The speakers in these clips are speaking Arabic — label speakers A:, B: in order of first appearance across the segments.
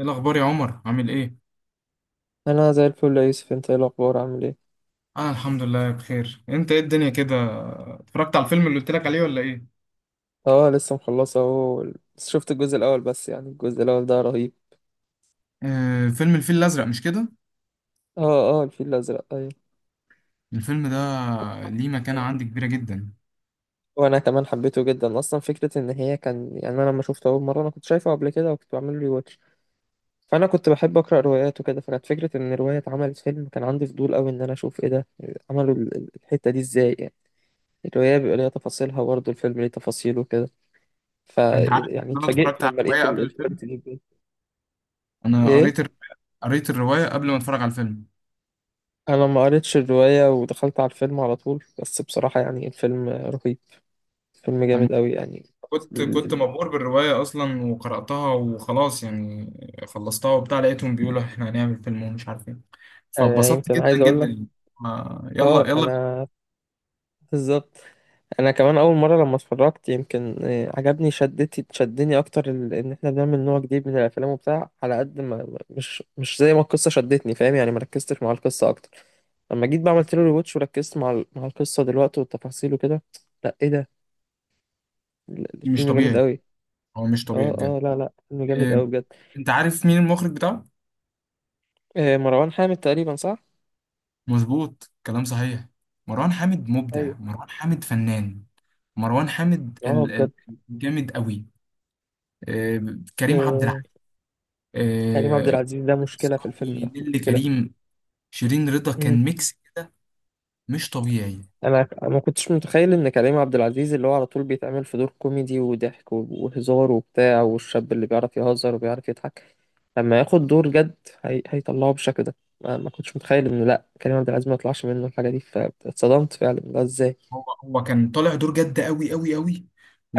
A: ايه الاخبار يا عمر عامل ايه؟
B: انا زي الفل يا يوسف، انت ايه الاخبار عامل ايه؟
A: انا الحمد لله بخير. انت ايه الدنيا كده؟ اتفرجت على الفيلم اللي قلت لك عليه ولا ايه؟
B: اه لسه مخلصه اهو. بس شفت الجزء الاول بس، يعني الجزء الاول ده رهيب.
A: آه، فيلم الفيل الازرق مش كده؟
B: اه اه، الفيل الازرق ايوه.
A: الفيلم ده ليه مكانة عندي كبيرة جدا.
B: وانا كمان حبيته جدا، اصلا فكره ان هي كان، يعني انا لما شفته اول مره انا كنت شايفه قبل كده وكنت بعمل له واتش. فانا كنت بحب اقرا روايات وكده، فكانت فكره ان روايه اتعملت فيلم، كان عندي فضول قوي ان انا اشوف ايه ده، عملوا الحته دي ازاي يعني. الروايه بيبقى ليها تفاصيلها برضه، الفيلم ليه تفاصيله وكده. ف
A: انت عارف
B: يعني
A: ان انا
B: اتفاجئت
A: اتفرجت على
B: لما
A: الرواية
B: لقيت
A: قبل الفيلم.
B: الكواليتي دي بجد.
A: انا
B: ايه؟
A: قريت الر- قريت الرواية قبل ما اتفرج على الفيلم.
B: انا ما قريتش الرواية ودخلت على الفيلم على طول، بس بصراحة يعني الفيلم رهيب، فيلم
A: انا
B: جامد قوي يعني.
A: كنت
B: ال-
A: كنت
B: ال-
A: مبهور بالرواية اصلا وقرأتها وخلاص يعني. خلصتها وبتاع لقيتهم بيقولوا احنا هنعمل فيلم ومش عارف ايه،
B: انا
A: فاتبسطت
B: يمكن
A: جدا
B: عايز اقول
A: جدا
B: لك،
A: يعني. آه،
B: اه
A: يلا يلا بينا.
B: انا بالظبط. انا كمان اول مرة لما اتفرجت يمكن عجبني، شدتي شدني اكتر ان احنا بنعمل نوع جديد من الافلام وبتاع، على قد ما مش زي ما القصة شدتني، فاهم يعني، ما ركزتش مع القصة اكتر. لما جيت بعملت له ريواتش وركزت مع مع القصة دلوقتي والتفاصيل وكده. لا ايه ده،
A: مش
B: الفيلم جامد
A: طبيعي.
B: قوي.
A: هو مش طبيعي
B: اه
A: بجد.
B: اه، لا لا، فيلم جامد
A: إيه،
B: قوي بجد.
A: انت عارف مين المخرج بتاعه؟
B: مروان حامد تقريبا صح؟
A: مظبوط، كلام صحيح. مروان حامد مبدع،
B: ايوه.
A: مروان حامد فنان. مروان حامد
B: اه بجد.
A: الجامد قوي. إيه، كريم عبد
B: آه،
A: العزيز.
B: كريم عبد
A: إيه،
B: العزيز ده مشكلة في الفيلم ده،
A: صاحبي نيللي
B: مشكلة.
A: كريم، شيرين رضا،
B: مم.
A: كان ميكس كده. مش طبيعي.
B: أنا ما كنتش متخيل إن كريم عبد العزيز اللي هو على طول بيتعمل في دور كوميدي وضحك وهزار وبتاع، والشاب اللي بيعرف يهزر وبيعرف يضحك، لما ياخد دور جد، هي... هيطلعه بالشكل ده. ما كنتش متخيل إنه لأ، كريم عبد العزيز ما يطلعش منه الحاجة دي، فاتصدمت فعلا ده إزاي؟
A: هو كان طالع دور جد قوي قوي قوي.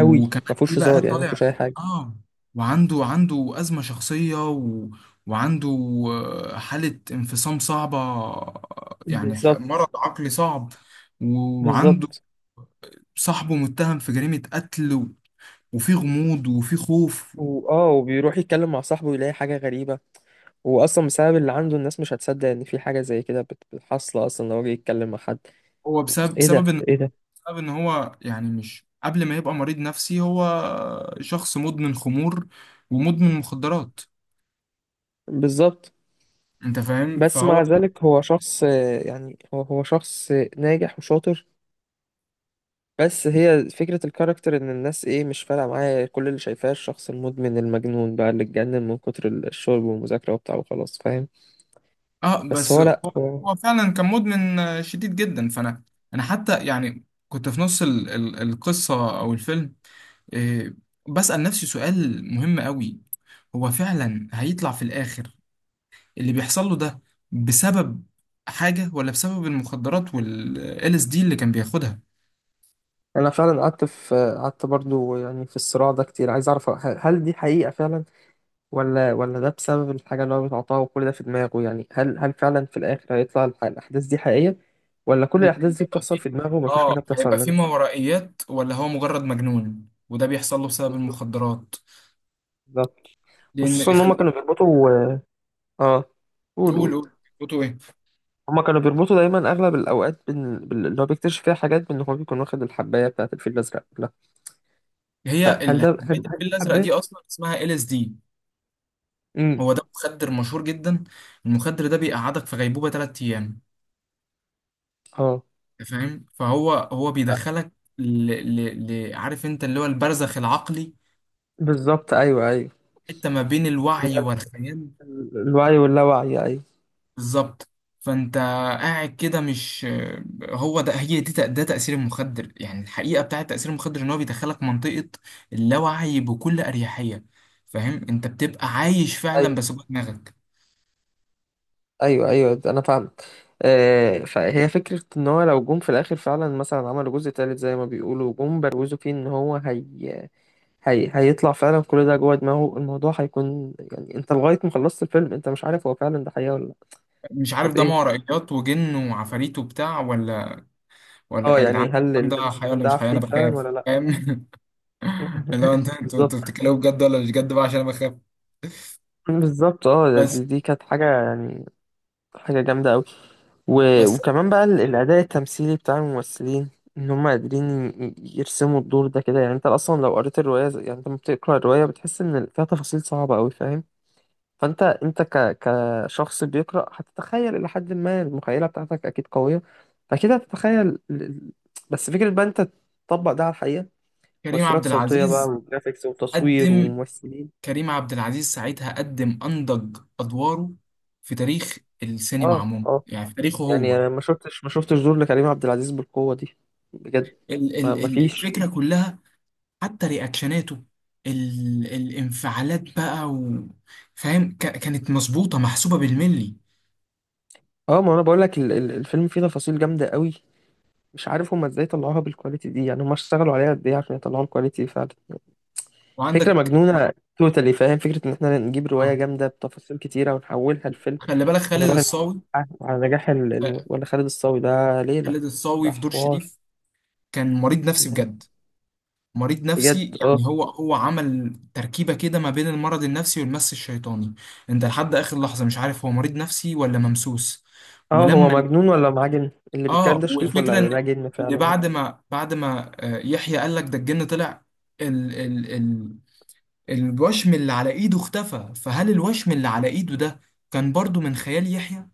B: أوي. ما
A: ايه
B: فيهوش
A: بقى
B: هزار يعني، ما
A: طالع.
B: فيهوش أي حاجة.
A: اه. وعنده أزمة شخصية، وعنده حالة انفصام صعبة، يعني
B: بالظبط.
A: مرض عقلي صعب. وعنده
B: بالظبط.
A: صاحبه متهم في جريمة قتل، وفي غموض وفي خوف.
B: وآه وبيروح يتكلم مع صاحبه يلاقي حاجة غريبة. واصلا بسبب اللي عنده الناس مش هتصدق ان في حاجه زي كده حاصله، اصلا لو جه يتكلم مع حد.
A: هو بسبب
B: ايه
A: بسبب
B: ده
A: ان
B: ايه ده.
A: بسبب ان هو يعني، مش قبل ما يبقى مريض نفسي، هو شخص مدمن خمور ومدمن مخدرات.
B: بالظبط.
A: انت فاهم.
B: بس
A: فهو
B: مع ذلك هو شخص يعني هو شخص ناجح وشاطر. بس هي فكره الكاركتر ان الناس ايه، مش فارقه معايا، كل اللي شايفاه الشخص المدمن المجنون بقى اللي اتجنن من كتر الشرب والمذاكره وبتاع وخلاص، فاهم.
A: اه
B: بس
A: بس
B: هو لا هو.
A: هو فعلا كان مدمن، شديد جدا. انا حتى يعني كنت في نص ال ال القصه او الفيلم، آه، بسأل نفسي سؤال مهم قوي. هو فعلا هيطلع في الاخر اللي بيحصل له ده بسبب حاجه، ولا بسبب المخدرات وال LSD اللي كان بياخدها؟
B: انا فعلا قعدت في، قعدت برضو يعني في الصراع ده كتير، عايز اعرف هل دي حقيقه فعلا، ولا ده بسبب الحاجة اللي هو بيتعاطاها وكل ده في دماغه، يعني هل فعلا في الآخر هيطلع الأحداث دي حقيقية، ولا كل
A: ممكن
B: الأحداث دي
A: هيبقى
B: بتحصل
A: فيه
B: في دماغه ومفيش
A: اه
B: حاجة بتحصل
A: هيبقى فيه
B: منها.
A: ما ورائيات، ولا هو مجرد مجنون وده بيحصل له بسبب
B: بالظبط.
A: المخدرات؟
B: بالظبط.
A: لان
B: خصوصا إن هما
A: خلي
B: كانوا
A: بالك.
B: بيربطوا. آه، قول
A: نقول
B: قول.
A: قول قول- قلتوا ايه؟
B: هما كانوا بيربطوا دايما أغلب الأوقات اللي هو بيكتشف فيها حاجات بإن هو بيكون واخد الحباية بتاعة الفيل الأزرق، لا.
A: هي
B: فهل ده،
A: حبايه
B: هل
A: الفيل
B: دي
A: الازرق دي
B: الحباية؟
A: اصلا اسمها ال اس دي.
B: أمم.
A: هو ده مخدر مشهور جدا. المخدر ده بيقعدك في غيبوبة 3 أيام.
B: آه.
A: أنت فاهم، فهو بيدخلك، ل... عارف انت اللي هو البرزخ العقلي.
B: بالظبط أيوه أيوه.
A: حتة ما بين الوعي والخيال.
B: الوعي واللاوعي أيوه.
A: بالظبط. فانت قاعد كده، مش هو ده هي دي تأ- ده تأثير المخدر. يعني الحقيقة بتاعة تأثير المخدر ان هو بيدخلك منطقة اللاوعي بكل أريحية. فاهم، انت بتبقى عايش فعلا
B: أيوه.
A: بس جوه دماغك.
B: أيوه أنا فاهم. آه، فهي فكرة ان هو لو جم في الاخر فعلا، مثلا عملوا جزء تالت زي ما بيقولوا، جم بروزوا فيه ان هو، هي... هي... هيطلع فعلا كل ده جوه دماغه، الموضوع هيكون يعني انت لغاية ما خلصت الفيلم انت مش عارف هو فعلا ده حقيقة ولا لا.
A: مش عارف
B: طب
A: ده مع
B: ايه؟
A: رأيات وجن وعفاريت وبتاع، ولا
B: اه
A: يا جدعان؟
B: يعني هل
A: الكلام ده
B: اللي
A: حقيقي
B: ماسكهم
A: ولا
B: ده
A: مش حقيقي، انا
B: عفريت فعلا
A: بخاف،
B: ولا لا.
A: فاهم؟ اللي هو انت انتوا
B: بالظبط.
A: انتوا بتتكلموا بجد ولا مش بجد بقى، عشان انا بخاف.
B: بالظبط. اه
A: بس
B: دي كانت حاجة، يعني حاجة جامدة أوي. و...
A: بس
B: وكمان بقى الأداء التمثيلي بتاع الممثلين، إن هم قادرين يرسموا الدور ده كده، يعني أنت أصلا لو قريت الرواية يعني أنت لما بتقرأ الرواية بتحس إن فيها تفاصيل صعبة أوي، فاهم. فأنت، أنت ك... كشخص بيقرأ هتتخيل إلى حد ما، المخيلة بتاعتك أكيد قوية، فأكيد هتتخيل بس فكرة بقى أنت تطبق ده على الحقيقة.
A: كريم
B: مؤثرات
A: عبد
B: صوتية بقى
A: العزيز
B: وجرافيكس وتصوير
A: قدم
B: وممثلين.
A: كريم عبد العزيز ساعتها قدم انضج ادواره في تاريخ السينما
B: اه
A: عموما،
B: اه.
A: يعني في تاريخه
B: يعني
A: هو.
B: انا ما شفتش، ما شفتش دور لكريم عبد العزيز بالقوه دي بجد.
A: ال
B: ما
A: ال
B: ما
A: ال
B: فيش.
A: الفكره كلها، حتى رياكشناته، الانفعالات بقى، فاهم، كانت مظبوطه محسوبه بالملي.
B: اه، ما انا بقول لك الفيلم فيه تفاصيل جامده قوي، مش عارف هما ازاي طلعوها بالكواليتي دي، يعني هما اشتغلوا عليها قد ايه عشان يطلعوا الكواليتي دي فعلا. فكره
A: وعندك،
B: مجنونه توتالي، فاهم، فكره ان احنا نجيب روايه
A: آه،
B: جامده بتفاصيل كتيره ونحولها لفيلم
A: خلي بالك، خالد
B: ونراهن
A: الصاوي.
B: على نجاح ولا خالد الصاوي ده ليله،
A: خالد الصاوي
B: ده
A: في دور
B: حوار.
A: شريف كان مريض نفسي بجد. مريض نفسي
B: بجد. اه
A: يعني، هو عمل تركيبة كده ما بين المرض النفسي والمس الشيطاني. انت لحد اخر لحظة مش عارف هو مريض نفسي ولا ممسوس.
B: اه، هو
A: ولما
B: مجنون ولا معاه جن؟ اللي بيتكلم
A: اه
B: ده شريف
A: والفكرة
B: ولا
A: ان
B: ده جن
A: ان
B: فعلا؟
A: بعد ما يحيى قال لك ده الجن طلع، ال ال ال الوشم اللي على ايده اختفى. فهل الوشم اللي على ايده ده كان برضو من خيال يحيى؟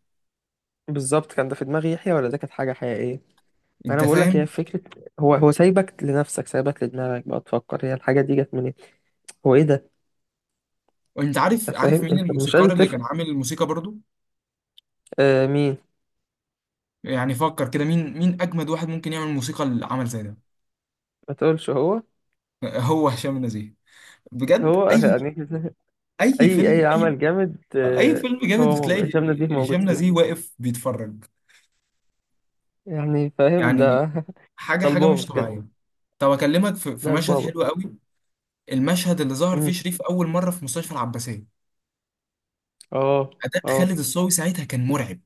B: بالظبط. كان ده في دماغ يحيى ولا ده كانت حاجة حقيقية؟ ما انا
A: انت
B: بقول لك هي
A: فاهم.
B: فكرة، هو سايبك لنفسك، سايبك لدماغك بقى تفكر هي الحاجة دي جت منين، هو ايه ده.
A: انت
B: انت
A: عارف
B: فاهم،
A: مين
B: انت مش قادر
A: الموسيقار اللي
B: تفهم.
A: كان عامل الموسيقى برضو؟
B: آه مين؟
A: يعني فكر كده، مين اجمد واحد ممكن يعمل موسيقى لعمل زي ده؟
B: ما تقولش. هو
A: هو هشام نزيه. بجد،
B: هو يعني.
A: اي
B: اي اي
A: فيلم اي
B: عمل جامد
A: اي
B: آه.
A: فيلم
B: هو
A: جامد
B: موجود،
A: بتلاقي
B: هشام نديم موجود
A: هشام نزيه
B: فيه.
A: واقف بيتفرج.
B: يعني فاهم ده.
A: يعني حاجه
B: ده
A: حاجه
B: البابا
A: مش
B: بجد،
A: طبيعيه. طب اكلمك في
B: ده
A: مشهد
B: البابا.
A: حلو قوي. المشهد اللي ظهر فيه
B: امم.
A: شريف اول مره في مستشفى العباسيه.
B: اه.
A: اداء
B: اه
A: خالد الصاوي ساعتها كان مرعب،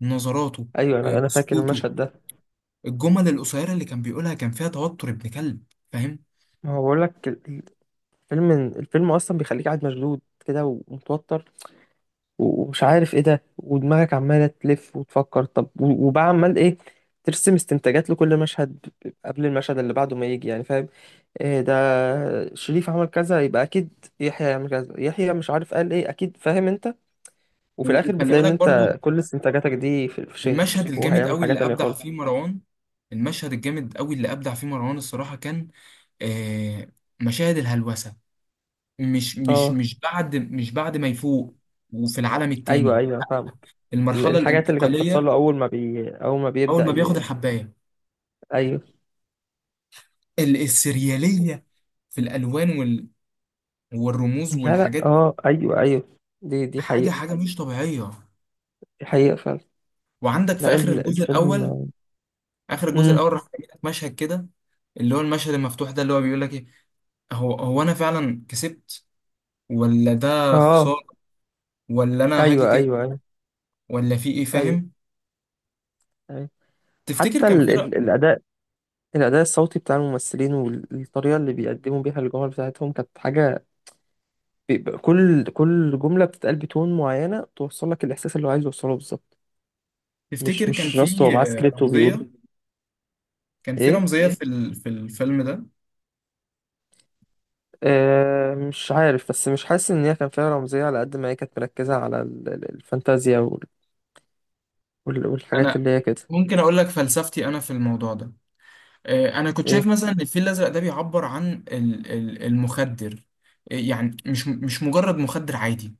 A: نظراته،
B: ايوه، انا انا فاكر
A: سكوته،
B: المشهد ده.
A: الجمل القصيره اللي كان بيقولها كان فيها توتر ابن كلب. فاهم.
B: ما هو بقول لك، الفيلم الفيلم اصلا بيخليك قاعد مشدود كده ومتوتر، ومش عارف ايه ده، ودماغك عمالة تلف وتفكر، طب وبقى عمال ايه، ترسم استنتاجات لكل مشهد قبل المشهد اللي بعده ما يجي، يعني فاهم. إيه ده، شريف عمل كذا، يبقى اكيد يحيى يعمل كذا، يحيى مش عارف قال ايه اكيد، فاهم انت. وفي الاخر
A: وخلي
B: بتلاقي ان
A: بالك برضو،
B: انت كل استنتاجاتك دي في شنك،
A: المشهد
B: وهو
A: الجامد
B: هيعمل
A: قوي
B: حاجة
A: اللي
B: تانية
A: ابدع فيه
B: خالص.
A: مروان المشهد الجامد قوي اللي ابدع فيه مروان، الصراحه كان، آه، مشاهد الهلوسه،
B: اه
A: مش بعد ما يفوق، وفي العالم
B: ايوه،
A: التاني.
B: ايوه أنا فاهمك.
A: المرحله
B: الحاجات اللي كانت بتحصل
A: الانتقاليه،
B: له اول ما بي، اول ما
A: اول
B: بيبدأ
A: ما بياخد
B: ي...
A: الحبايه،
B: ايوه.
A: السرياليه في الالوان والرموز
B: لا لا،
A: والحاجات دي.
B: اه ايوه، ايوه دي
A: حاجه
B: حقيقة،
A: حاجه مش طبيعيه.
B: دي حقيقة فعلا.
A: وعندك في
B: لا
A: اخر الجزء الاول،
B: الفيلم. امم.
A: راح يجيلك مشهد كده، اللي هو المشهد المفتوح ده، اللي هو بيقول لك ايه. هو هو انا فعلا كسبت، ولا ده
B: اه
A: خسارة، ولا أنا هاجي
B: ايوه
A: تاني،
B: ايوه ايوه.
A: ولا في إيه،
B: ايوه.
A: فاهم؟
B: ايوه.
A: تفتكر
B: حتى
A: كان
B: ال
A: في رأ...
B: ال الاداء، الاداء الصوتي بتاع الممثلين والطريقه اللي بيقدموا بيها الجمل بتاعتهم كانت حاجه، بيبقى كل جمله بتتقال بتون معينه توصل لك الاحساس اللي هو عايز يوصله بالظبط، مش
A: تفتكر كان
B: مش
A: في
B: راسته هو معاه سكريبت وبيقوله.
A: رمزية،
B: ايه.
A: في الفيلم ده؟
B: آه مش عارف، بس مش حاسس ان هي كان فيها رمزيه، على قد ما هي كانت مركزه على الفانتازيا وال والحاجات
A: أنا
B: اللي هي كده.
A: ممكن أقول لك فلسفتي أنا في الموضوع ده. أنا كنت
B: ايه.
A: شايف مثلا إن الفيل الأزرق ده بيعبر عن المخدر، يعني مش مجرد مخدر عادي.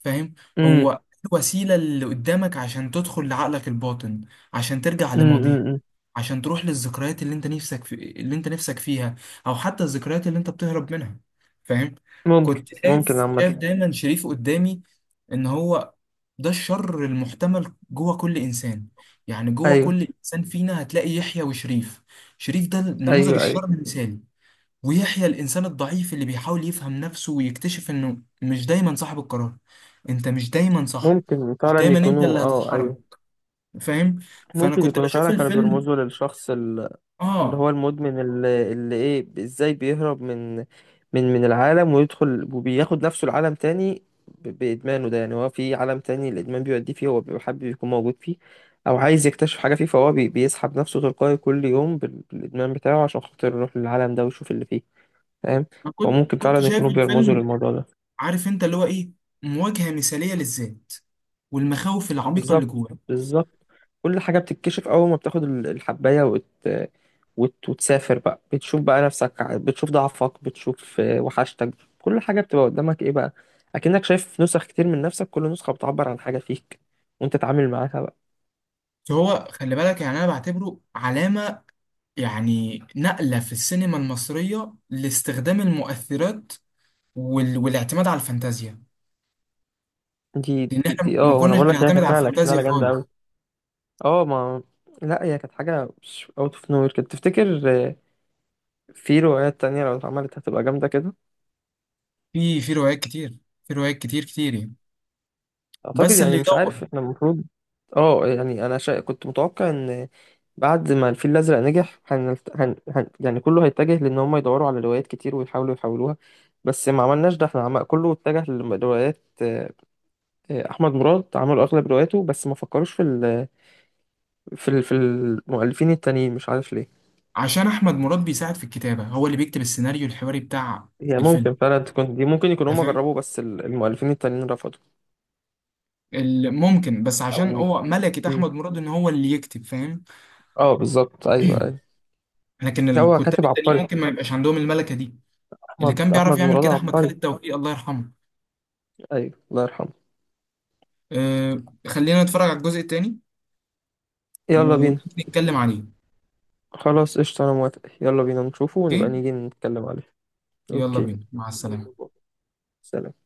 A: فاهم.
B: امم.
A: هو الوسيلة اللي قدامك عشان تدخل لعقلك الباطن، عشان ترجع
B: امم.
A: لماضيك،
B: أمم.
A: عشان تروح للذكريات اللي انت نفسك فيها، او حتى الذكريات اللي انت بتهرب منها. فاهم.
B: ممكن،
A: كنت
B: ممكن
A: شايف
B: عامه.
A: شايف دايما شريف قدامي، ان هو ده الشر المحتمل جوه كل انسان. يعني جوه
B: ايوه
A: كل انسان فينا هتلاقي يحيى وشريف. شريف ده نموذج
B: ايوه ايوه.
A: الشر المثالي، ويحيى الانسان الضعيف اللي بيحاول يفهم نفسه ويكتشف انه مش دايما صاحب القرار. انت مش دايما صح،
B: ممكن
A: مش
B: فعلا
A: دايما انت
B: يكونوا،
A: اللي
B: اه
A: هتتحرك،
B: ايوه،
A: فاهم. فانا
B: ممكن
A: كنت
B: يكونوا
A: بشوف
B: فعلا كانوا
A: الفيلم
B: بيرمزوا للشخص اللي
A: اه
B: هو المدمن، اللي ايه، ازاي بيهرب من من العالم ويدخل وبياخد نفسه العالم تاني بإدمانه ده، يعني هو في عالم تاني الإدمان بيوديه فيه هو بيبقى حابب يكون موجود فيه، أو عايز يكتشف حاجة فيه، فهو بيسحب نفسه تلقائي كل يوم بالإدمان بتاعه عشان خاطر يروح للعالم ده ويشوف اللي فيه، فاهم.
A: انا كنت
B: فممكن
A: كنت
B: فعلا
A: شايف
B: يكونوا بيرمزوا
A: الفيلم،
B: للموضوع ده.
A: عارف انت اللي هو ايه، مواجهة مثالية للذات والمخاوف العميقة اللي
B: بالظبط.
A: جواه.
B: بالظبط. كل حاجة بتتكشف أول ما بتاخد الحباية وتسافر بقى، بتشوف بقى نفسك، بتشوف ضعفك، بتشوف آه، وحشتك، كل حاجة بتبقى قدامك إيه بقى، أكنك شايف نسخ كتير من نفسك، كل نسخة بتعبر عن حاجة فيك وأنت تتعامل معاها بقى.
A: فهو خلي بالك، يعني انا بعتبره علامة، يعني نقلة في السينما المصرية لاستخدام المؤثرات والاعتماد على الفانتازيا. لان احنا
B: دي
A: ما
B: أه، أنا
A: كناش، ايوه،
B: بقول لك هي
A: بنعتمد
B: كانت
A: على، صح،
B: نقلة، كانت
A: الفانتازيا،
B: نقلة
A: ايوه،
B: جامدة أوي.
A: خالص.
B: أه ما، لا هي كانت حاجة أوت أوف نوير، كنت تفتكر آه، في روايات تانية لو اتعملت هتبقى جامدة كده؟
A: في روايات كتير، في روايات كتير كتير يعني.
B: اعتقد
A: بس اللي
B: يعني، مش
A: يدور.
B: عارف، احنا المفروض. اه يعني انا كنت متوقع ان بعد ما الفيل الازرق نجح يعني كله هيتجه لان هم يدوروا على روايات كتير ويحاولوا يحولوها، بس ما عملناش ده احنا، كله اتجه لروايات، احمد مراد عملوا اغلب رواياته، بس ما فكروش في في المؤلفين التانيين، مش عارف ليه.
A: عشان احمد مراد بيساعد في الكتابة، هو اللي بيكتب السيناريو الحواري بتاع
B: هي
A: الفيلم
B: ممكن فعلا تكون دي، ممكن يكونوا
A: ده.
B: هم
A: فاهم.
B: جربوا بس المؤلفين التانيين رفضوا.
A: ممكن، بس
B: او
A: عشان هو ملكة
B: م.
A: احمد مراد ان هو اللي يكتب. فاهم.
B: اه بالظبط ايوه ايوه.
A: لكن
B: هو
A: الكتاب
B: كاتب
A: التانيين
B: عبقري،
A: ممكن ما يبقاش عندهم الملكة دي. اللي
B: احمد
A: كان بيعرف
B: احمد
A: يعمل
B: مراد
A: كده احمد
B: عبقري.
A: خالد توفيق، الله يرحمه.
B: ايوه الله يرحمه.
A: أه، خلينا نتفرج على الجزء التاني
B: يلا بينا.
A: ونتكلم عليه.
B: خلاص قشطة، انا موافق، يلا بينا نشوفه ونبقى
A: اوكي،
B: نيجي نتكلم عليه.
A: يلا
B: اوكي.
A: بينا، مع
B: يلا
A: السلامة.
B: باي. سلام.